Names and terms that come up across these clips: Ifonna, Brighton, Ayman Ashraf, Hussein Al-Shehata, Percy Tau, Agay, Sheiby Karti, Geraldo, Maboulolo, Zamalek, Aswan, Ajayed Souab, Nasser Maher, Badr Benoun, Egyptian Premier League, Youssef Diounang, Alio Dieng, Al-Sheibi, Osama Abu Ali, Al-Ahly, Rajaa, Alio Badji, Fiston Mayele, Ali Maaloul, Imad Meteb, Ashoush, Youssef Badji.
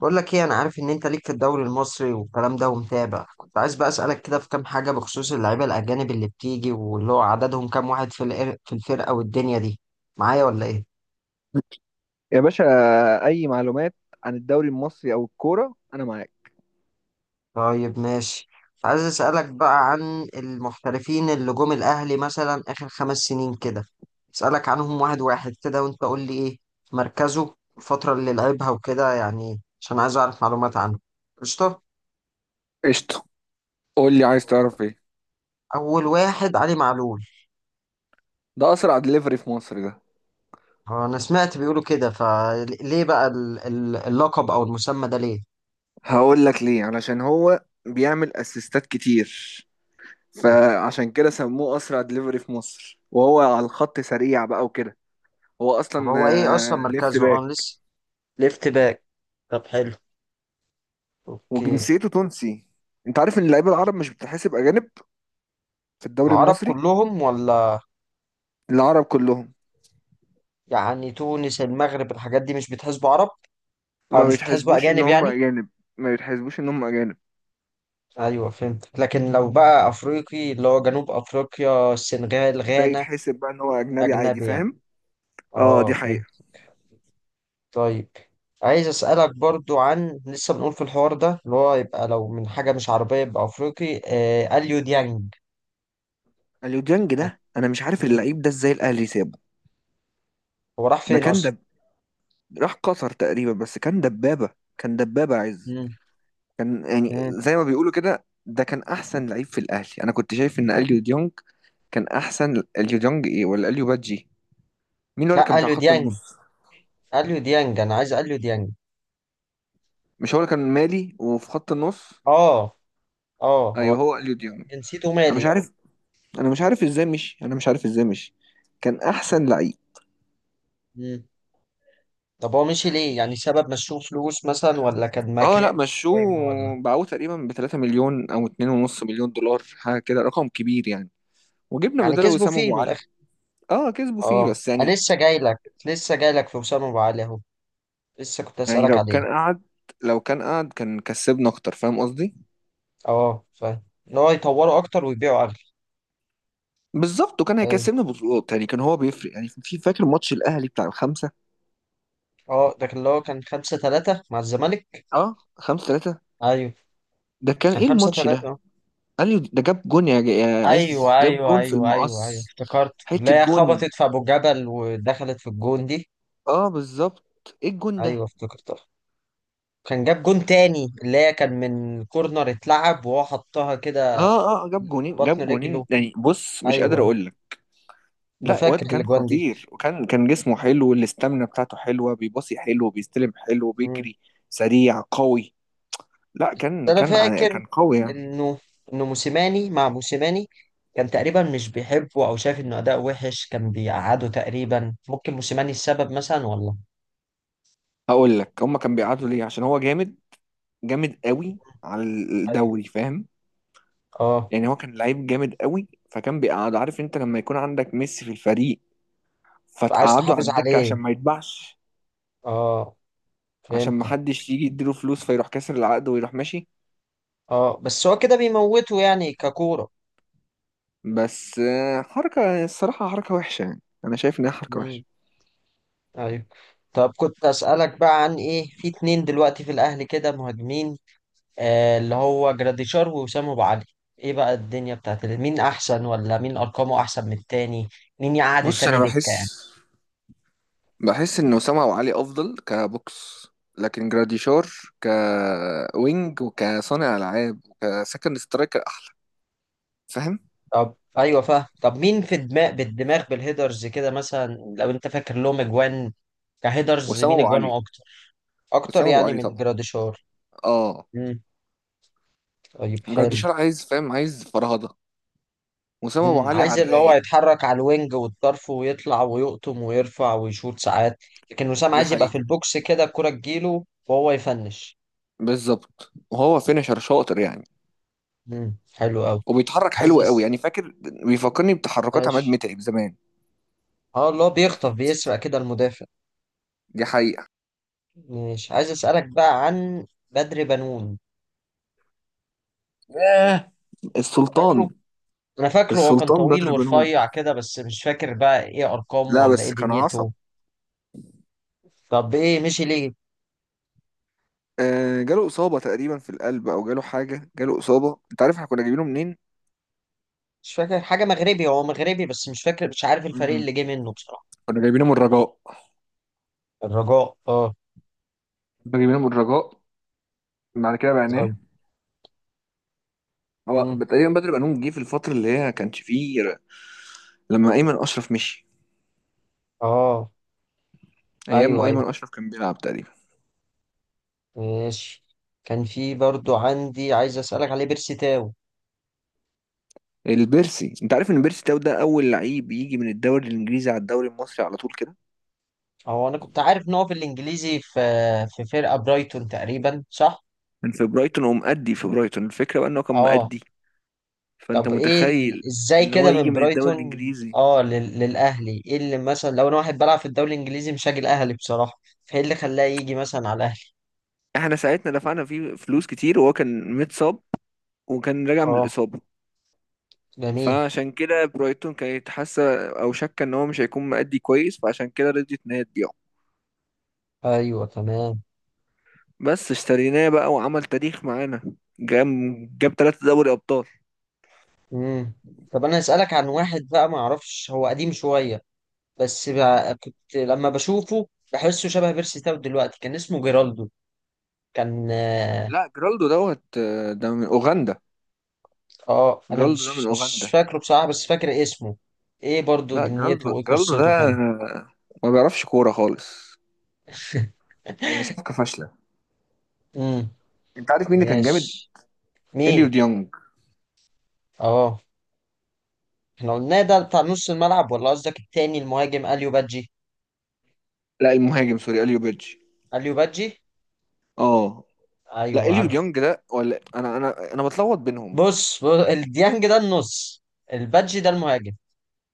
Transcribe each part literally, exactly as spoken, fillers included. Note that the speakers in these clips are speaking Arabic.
بقول لك ايه، انا عارف ان انت ليك في الدوري المصري والكلام ده ومتابع. كنت عايز بقى اسالك كده في كام حاجه بخصوص اللعيبه الاجانب اللي بتيجي، واللي هو عددهم كام واحد في الإر- في الفرقه والدنيا دي، معايا ولا ايه؟ يا باشا، أي معلومات عن الدوري المصري أو الكورة أنا معاك. طيب ماشي. كنت عايز اسالك بقى عن المحترفين اللي جم الاهلي مثلا اخر خمس سنين كده، اسالك عنهم واحد واحد كده وانت قول لي ايه مركزه، الفتره اللي لعبها وكده، يعني عشان عايز اعرف معلومات عنه. قشطه. قشطة، قول لي عايز تعرف ايه؟ اول واحد علي معلول. ده اسرع دليفري في مصر ده. هو انا سمعت بيقولوا كده، فليه بقى ال- ال- اللقب او المسمى ده ليه؟ هقول لك ليه، علشان هو بيعمل اسيستات كتير، طب فعشان كده سموه اسرع دليفري في مصر، وهو على الخط سريع بقى وكده. هو طب اصلا هو ايه اصلا آه، ليفت مركزه؟ اه باك. لسه. ليفت باك. طب حلو. اوكي. وجنسيته تونسي. انت عارف ان اللعيبه العرب مش بتحسب اجانب في الدوري العرب المصري. كلهم ولا؟ العرب كلهم. يعني تونس، المغرب، الحاجات دي مش بتحسبوا عرب، او ما مش بتحسبوا بيتحسبوش ان اجانب هم يعني؟ اجانب. ما بيتحسبوش ان هم اجانب. ايوه فهمت، لكن لو بقى افريقي، اللي هو جنوب افريقيا، السنغال، ده غانا، يتحسب بقى ان هو اجنبي عادي، اجنبي يعني؟ فاهم؟ اه، اه دي حقيقة. فهمت. طيب. عايز أسألك برضو عن، لسه بنقول في الحوار ده، اللي هو يبقى لو من حاجة مش عربية يبقى أفريقي، آه أليو ديانج. اليوديانج ده انا مش عارف مم. اللعيب ده ازاي الاهلي سابه. هو راح ده فين كان أصلا؟ دب. راح قطر تقريبا، بس كان دبابة. كان دبابة عز. مم. كان يعني مم. زي ما بيقولوا كده، ده كان احسن لعيب في الاهلي، انا كنت شايف ان اليو ديونج كان احسن. اليو ديونج ايه ولا اليو بادجي؟ مين هو اللي كان لا بتاع أليو خط ديانج، النص؟ أليو ديانج، أنا عايز أليو ديانج. مش هو اللي كان مالي وفي خط النص؟ آه. آه هو. ايوه هو اليو ديونج. جنسيته انا مش مالي آه. عارف. انا مش عارف ازاي مشي انا مش عارف ازاي مشي كان احسن لعيب. مم. طب هو مشي ليه؟ يعني سبب مشوه فلوس مثلا، ولا كان اه، لا مكان في مشوه. القايمة ولا؟ باعوه تقريبا ب ثلاثة مليون او اثنين ونص مليون دولار، حاجه كده، رقم كبير يعني. وجبنا يعني بداله كسبوا وسام فيه ابو من علي. الآخر. اه كسبوا فيه آه بس أنا يعني. لسه جاي لك. لسه جاي لك في أسامة أبو علي أهو. لسه كنت يعني أسألك لو عليه. كان قعد لو كان قعد كان كسبنا اكتر، فاهم قصدي؟ اه فاهم، ان هو يطوروا اكتر ويبيعوا اغلى. بالظبط، وكان ايوه. هيكسبنا بطولات يعني، كان هو بيفرق يعني. في فاكر ماتش الاهلي بتاع الخمسه؟ اه، ده كان اللي هو كان خمسة ثلاثة مع الزمالك. اه، خمسة ثلاثة. ايوه ده كان كان ايه 5 الماتش ده؟ 3 قال لي ده جاب جون، يا, جا- يا عايز ايوه جاب ايوه جون في ايوه ايوه ايوه، المقص. افتكرت اللي حته هي جون. خبطت في ابو جبل ودخلت في الجون دي. اه بالظبط، ايه الجون ايوه ده؟ افتكرتها. كان جاب جون تاني اللي هي كان من كورنر اتلعب وهو حطها اه كده اه آه، جاب جونين ببطن جاب رجله. جونين يعني. بص مش قادر ايوه. اقول لك. انا لا، واد فاكر كان الاجوان دي. خطير، وكان كان جسمه حلو، الاستامينا بتاعته حلوه، بيباصي حلو، بيستلم حلو، مم. بيجري. سريع قوي. لا، بس كان انا كان ع- فاكر كان قوي يعني. انه انه موسيماني مع موسيماني كان تقريبا مش بيحبه، او شايف انه اداء وحش كان بيقعده تقريبا، ممكن موسيماني السبب مثلا ولا؟ هقول لك هما كان بيقعدوا ليه؟ عشان هو جامد، جامد قوي على أيوة. الدوري، فاهم؟ اه. يعني هو كان لعيب جامد قوي، فكان بيقعد. عارف انت لما يكون عندك ميسي في الفريق عايز فتقعده على تحافظ الدكه عليه. عشان ما يتباعش. اه عشان ما فهمتك. حدش يجي يديله فلوس فيروح كاسر العقد ويروح ماشي. اه بس هو كده بيموته يعني ككورة. بس آه، حركة الصراحة حركة وحشة يعني، أنا شايف إنها حركة وحشة. امم. ايوه. طب كنت اسالك بقى عن ايه، في اتنين دلوقتي في الاهلي كده مهاجمين، آه، اللي هو جراديشار ووسام ابو علي، ايه بقى الدنيا بتاعت ال- مين احسن، ولا مين ارقامه احسن من التاني؟ مين يقعد بص، أنا التاني دكة يعني؟ بحس بحس إن أسامة أبو علي أفضل كبوكس. لكن جراديشار كوينج وكصانع ألعاب وكسكند سترايكر أحلى، فاهم؟ طب ايوه فاهم. طب مين في دماغ بالدماغ بالهيدرز كده مثلا، لو انت فاكر لهم اجوان كهيدرز وأسامة مين أبو علي اجوانه اكتر؟ اكتر وأسامة أبو يعني علي من طبعا. جراديشار؟ آه. امم. طيب حلو. جراديشار عايز، فاهم؟ عايز فرهضة. وأسامة أبو امم. علي عايز على اللي هو الرايق. يتحرك على الوينج والطرف ويطلع ويقطم ويرفع ويشوط ساعات، لكن وسام دي عايز يبقى في حقيقة. البوكس كده، الكرة تجيله وهو يفنش. بالظبط، وهو فينشر شاطر يعني. امم حلو قوي. وبيتحرك عايز حلو قوي أس... يعني، فاكر بيفكرني بتحركات عماد ماشي. متعب زمان. اه اللي هو بيخطف بيسرق كده المدافع. دي حقيقة. ماشي. عايز اسألك بقى عن بدر بنون. ياه، السلطان. فاكره؟ انا فاكره، هو كان السلطان ده طويل دراجونون. ورفيع كده، بس مش فاكر بقى ايه ارقامه لا ولا ايه بس كان عصب. دنيته. طب ايه مشي ليه؟ آه، جاله إصابة تقريبا في القلب، أو جاله حاجة، جاله إصابة. أنت عارف إحنا كنا جايبينه منين؟ مش فاكر حاجة، مغربي، هو مغربي، بس مش فاكر، مش عارف الفريق مم. اللي جه منه بصراحة. كنا جايبينه من الرجاء الرجاء اه. كنا جايبينه من الرجاء بعد كده بعناه. طيب. هو امم. تقريبا بدر بنون جه في الفترة اللي هي ما كانش فيه ر- لما أيمن أشرف مشي. اه. أيام ما ايوه ايوه. أيمن أشرف كان بيلعب تقريبا. ماشي. كان في برضو عندي عايز اسألك عليه، بيرسي تاو. البيرسي، أنت عارف إن بيرسي تاو ده أول لعيب يجي من الدوري الإنجليزي على الدوري المصري على طول كده. هو انا كنت عارف ان هو في الانجليزي، في في فرقة برايتون تقريبا صح؟ كان في برايتون، ومأدي في برايتون. الفكرة بقى إنه كان اه. مأدي، فانت طب ايه ال... متخيل ازاي ان هو كده يجي من من الدوري برايتون، الانجليزي. اه لل... للاهلي، ايه اللي مثلا لو انا واحد بلعب في الدوري الانجليزي مش هاجي الاهلي بصراحه، فايه اللي خلاه يجي مثلا على الاهلي؟ احنا ساعتنا دفعنا فيه فلوس كتير، وهو كان متصاب، وكان راجع من اه. الاصابه. جميل. فعشان كده برايتون كانت حاسه او شاكه ان هو مش هيكون مأدي كويس، فعشان كده رضيت ان هي تبيعه. ايوه تمام. بس اشتريناه بقى وعمل تاريخ معانا. جاب جاب ثلاثة دوري ابطال. امم. طب انا اسالك عن واحد بقى ما اعرفش، هو قديم شويه، بس بقى كنت لما بشوفه بحسه شبه بيرسي تاو دلوقتي، كان اسمه جيرالدو. كان اه. لا جرالدو دوت آه، ده من اوغندا. آه، انا جرالدو ده من مش مش اوغندا. فاكره بصراحه، بس فاكر اسمه. ايه برضو لا، دنيته جرالدو وايه جرالدو ده قصته كده؟ آه، ما بيعرفش كوره خالص. يعني صفقه فاشله. امم. انت عارف مين اللي كان جامد؟ ماشي. اليو مين؟ ديونج. اه. احنا قلناه ده بتاع نص الملعب، ولا قصدك التاني المهاجم اليو بادجي؟ لا، المهاجم، سوري، اليو بيدجي. اليو بادجي. اه لا ايوه اليو عارف. ديونج ده، ولا انا انا انا بتلخبط بينهم. بص, بص الديانج ده النص، البادجي ده المهاجم.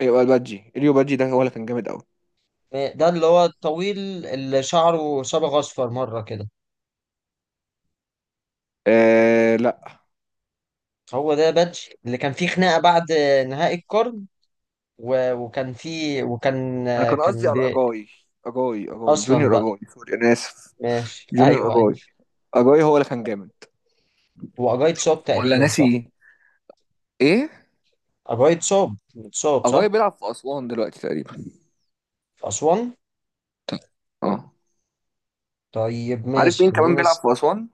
ايوه البادجي، اليو بادجي ده هو اللي كان جامد قوي. ده اللي هو الطويل اللي شعره صبغ اصفر مره كده؟ آه لا، هو ده بادجي اللي كان فيه خناقه بعد نهائي القرن، و... وكان فيه وكان انا كان قصدي كان على بي... اجاي. اجاي اجاي اصلا جونيور، بقى. اجاي سوري انا اسف. ماشي جونيور ايوه ايوه. اجاي. اجاي هو اللي كان جامد. هو اجايد صوب ولا تقريبا ناسي صح؟ ايه، ايه. اجايد صوب. صوب اجاي صح. بيلعب في اسوان دلوقتي تقريبا. في اسوان. اه، طيب عارف ماشي مين كمان خلينا. بيلعب في اسوان؟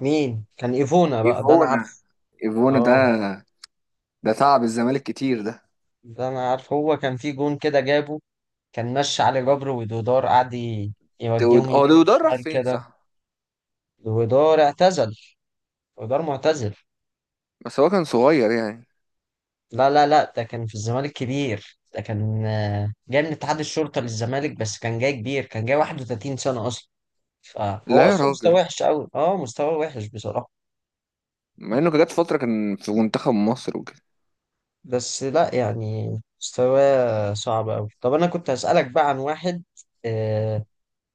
مين كان ايفونا بقى ده انا ايفونا. عارفه. ايفونا، ده اه. ده تعب الزمالك كتير ده. ده انا عارفه، هو كان في جون كده جابه، كان ماشي علي جبر ودودار، قعد ي- ده يوجههم يمين هو، ده راح وشمال فين، كده. صح؟ ودودار اعتزل. ودودار معتزل. بس هو كان صغير يعني. لا لا لا، ده كان في الزمالك كبير، ده كان آه، جاي من اتحاد الشرطة للزمالك، بس كان جاي كبير، كان جاي واحد وثلاثين سنة اصلا، فهو لا يا اصلا مستواه راجل، وحش قوي، اه مستواه وحش بصراحة. مع انه جت فتره كان في منتخب مصر وكده. بس لا يعني، مستواه صعب قوي. طب انا كنت هسألك بقى عن واحد، آه،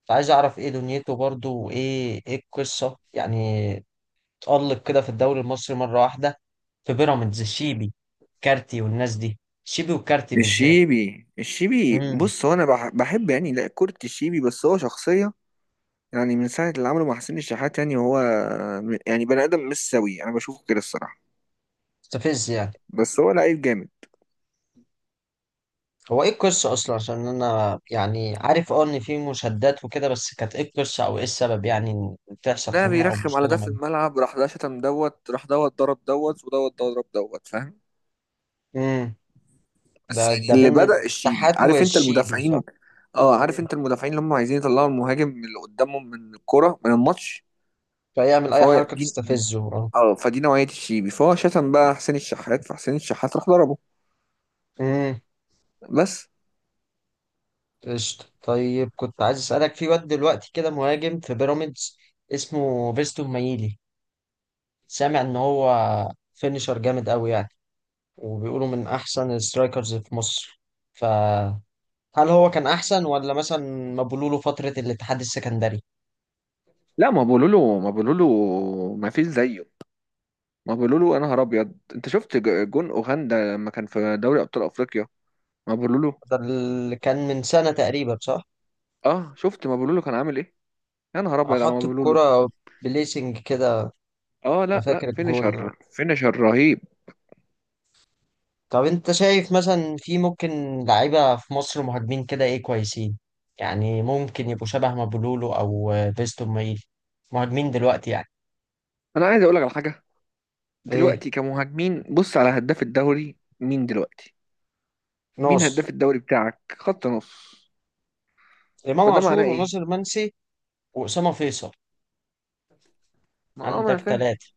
فعايز اعرف ايه دنيته برضو، وايه ايه القصه يعني، اتألق كده في الدوري المصري مره واحده في بيراميدز، الشيبي، كارتي والناس دي، شيبي وكارتي بالذات. الشيبي الشيبي، امم. بص هو انا بح- بحب يعني، لا كرة الشيبي، بس هو شخصية. يعني من ساعة اللي عمله مع حسين الشحات، يعني هو يعني بني آدم مش سوي، انا بشوفه كده الصراحة. مستفز يعني. بس هو لعيب جامد. هو ايه القصه اصلا؟ عشان انا يعني عارف اه ان في مشادات وكده، بس كانت ايه القصه او ايه السبب يعني ان تحصل ده خناقه او بيرخم على مشكله ده ما في بين؟ الملعب، راح ده شتم دوت، راح دوت ضرب دوت، ودوت ضرب دوت، فاهم؟ امم. ده بس يعني ده اللي بين بدأ الشيبي. الشحات عارف انت والشيبي صح؟ المدافعين. اه، عارف امم. انت المدافعين اللي هم عايزين يطلعوا المهاجم اللي قدامهم من الكرة من الماتش. فيعمل اي فهو حركه دي. تستفزه اه. اه، فدي نوعية الشيبي، فهو شتم بقى حسين الشحات، فحسين الشحات راح ضربه. امم. بس. قشطة. طيب كنت عايز أسألك، في واد دلوقتي كده مهاجم في بيراميدز اسمه فيستون مايلي، سامع إن هو فينيشر جامد أوي يعني، وبيقولوا من أحسن السترايكرز في مصر. فهل هو كان أحسن ولا مثلا مبولوله فترة الاتحاد السكندري؟ لا، ما بقولوا له ما بقولوا له ما فيش زيه. ما بقولوا له، انا نهار ابيض، انت شفت ج- جون اوغندا لما كان في دوري ابطال افريقيا؟ ما بقولوا له. ده اللي كان من سنة تقريبا صح؟ اه شفت، ما بقولوا له كان عامل ايه. يا نهار ابيض على ما حط بقولوا له. الكرة بليسنج كده. اه أنا لا لا، فاكر الجون. فينيشر فينيشر رهيب. طب انت شايف مثلا في ممكن لعيبة في مصر مهاجمين كده ايه كويسين، يعني ممكن يبقوا شبه مابولولو او فيستون مايلي، مهاجمين دلوقتي يعني؟ انا عايز اقول لك على حاجة. ايه. دلوقتي كمهاجمين، بص على هداف الدوري مين دلوقتي. مين ناصر. هداف الدوري بتاعك، خط نص؟ امام فده معناه عاشور ايه؟ وناصر منسي. واسامة فيصل. ما اه ما انا عندك فاهم. ثلاثة.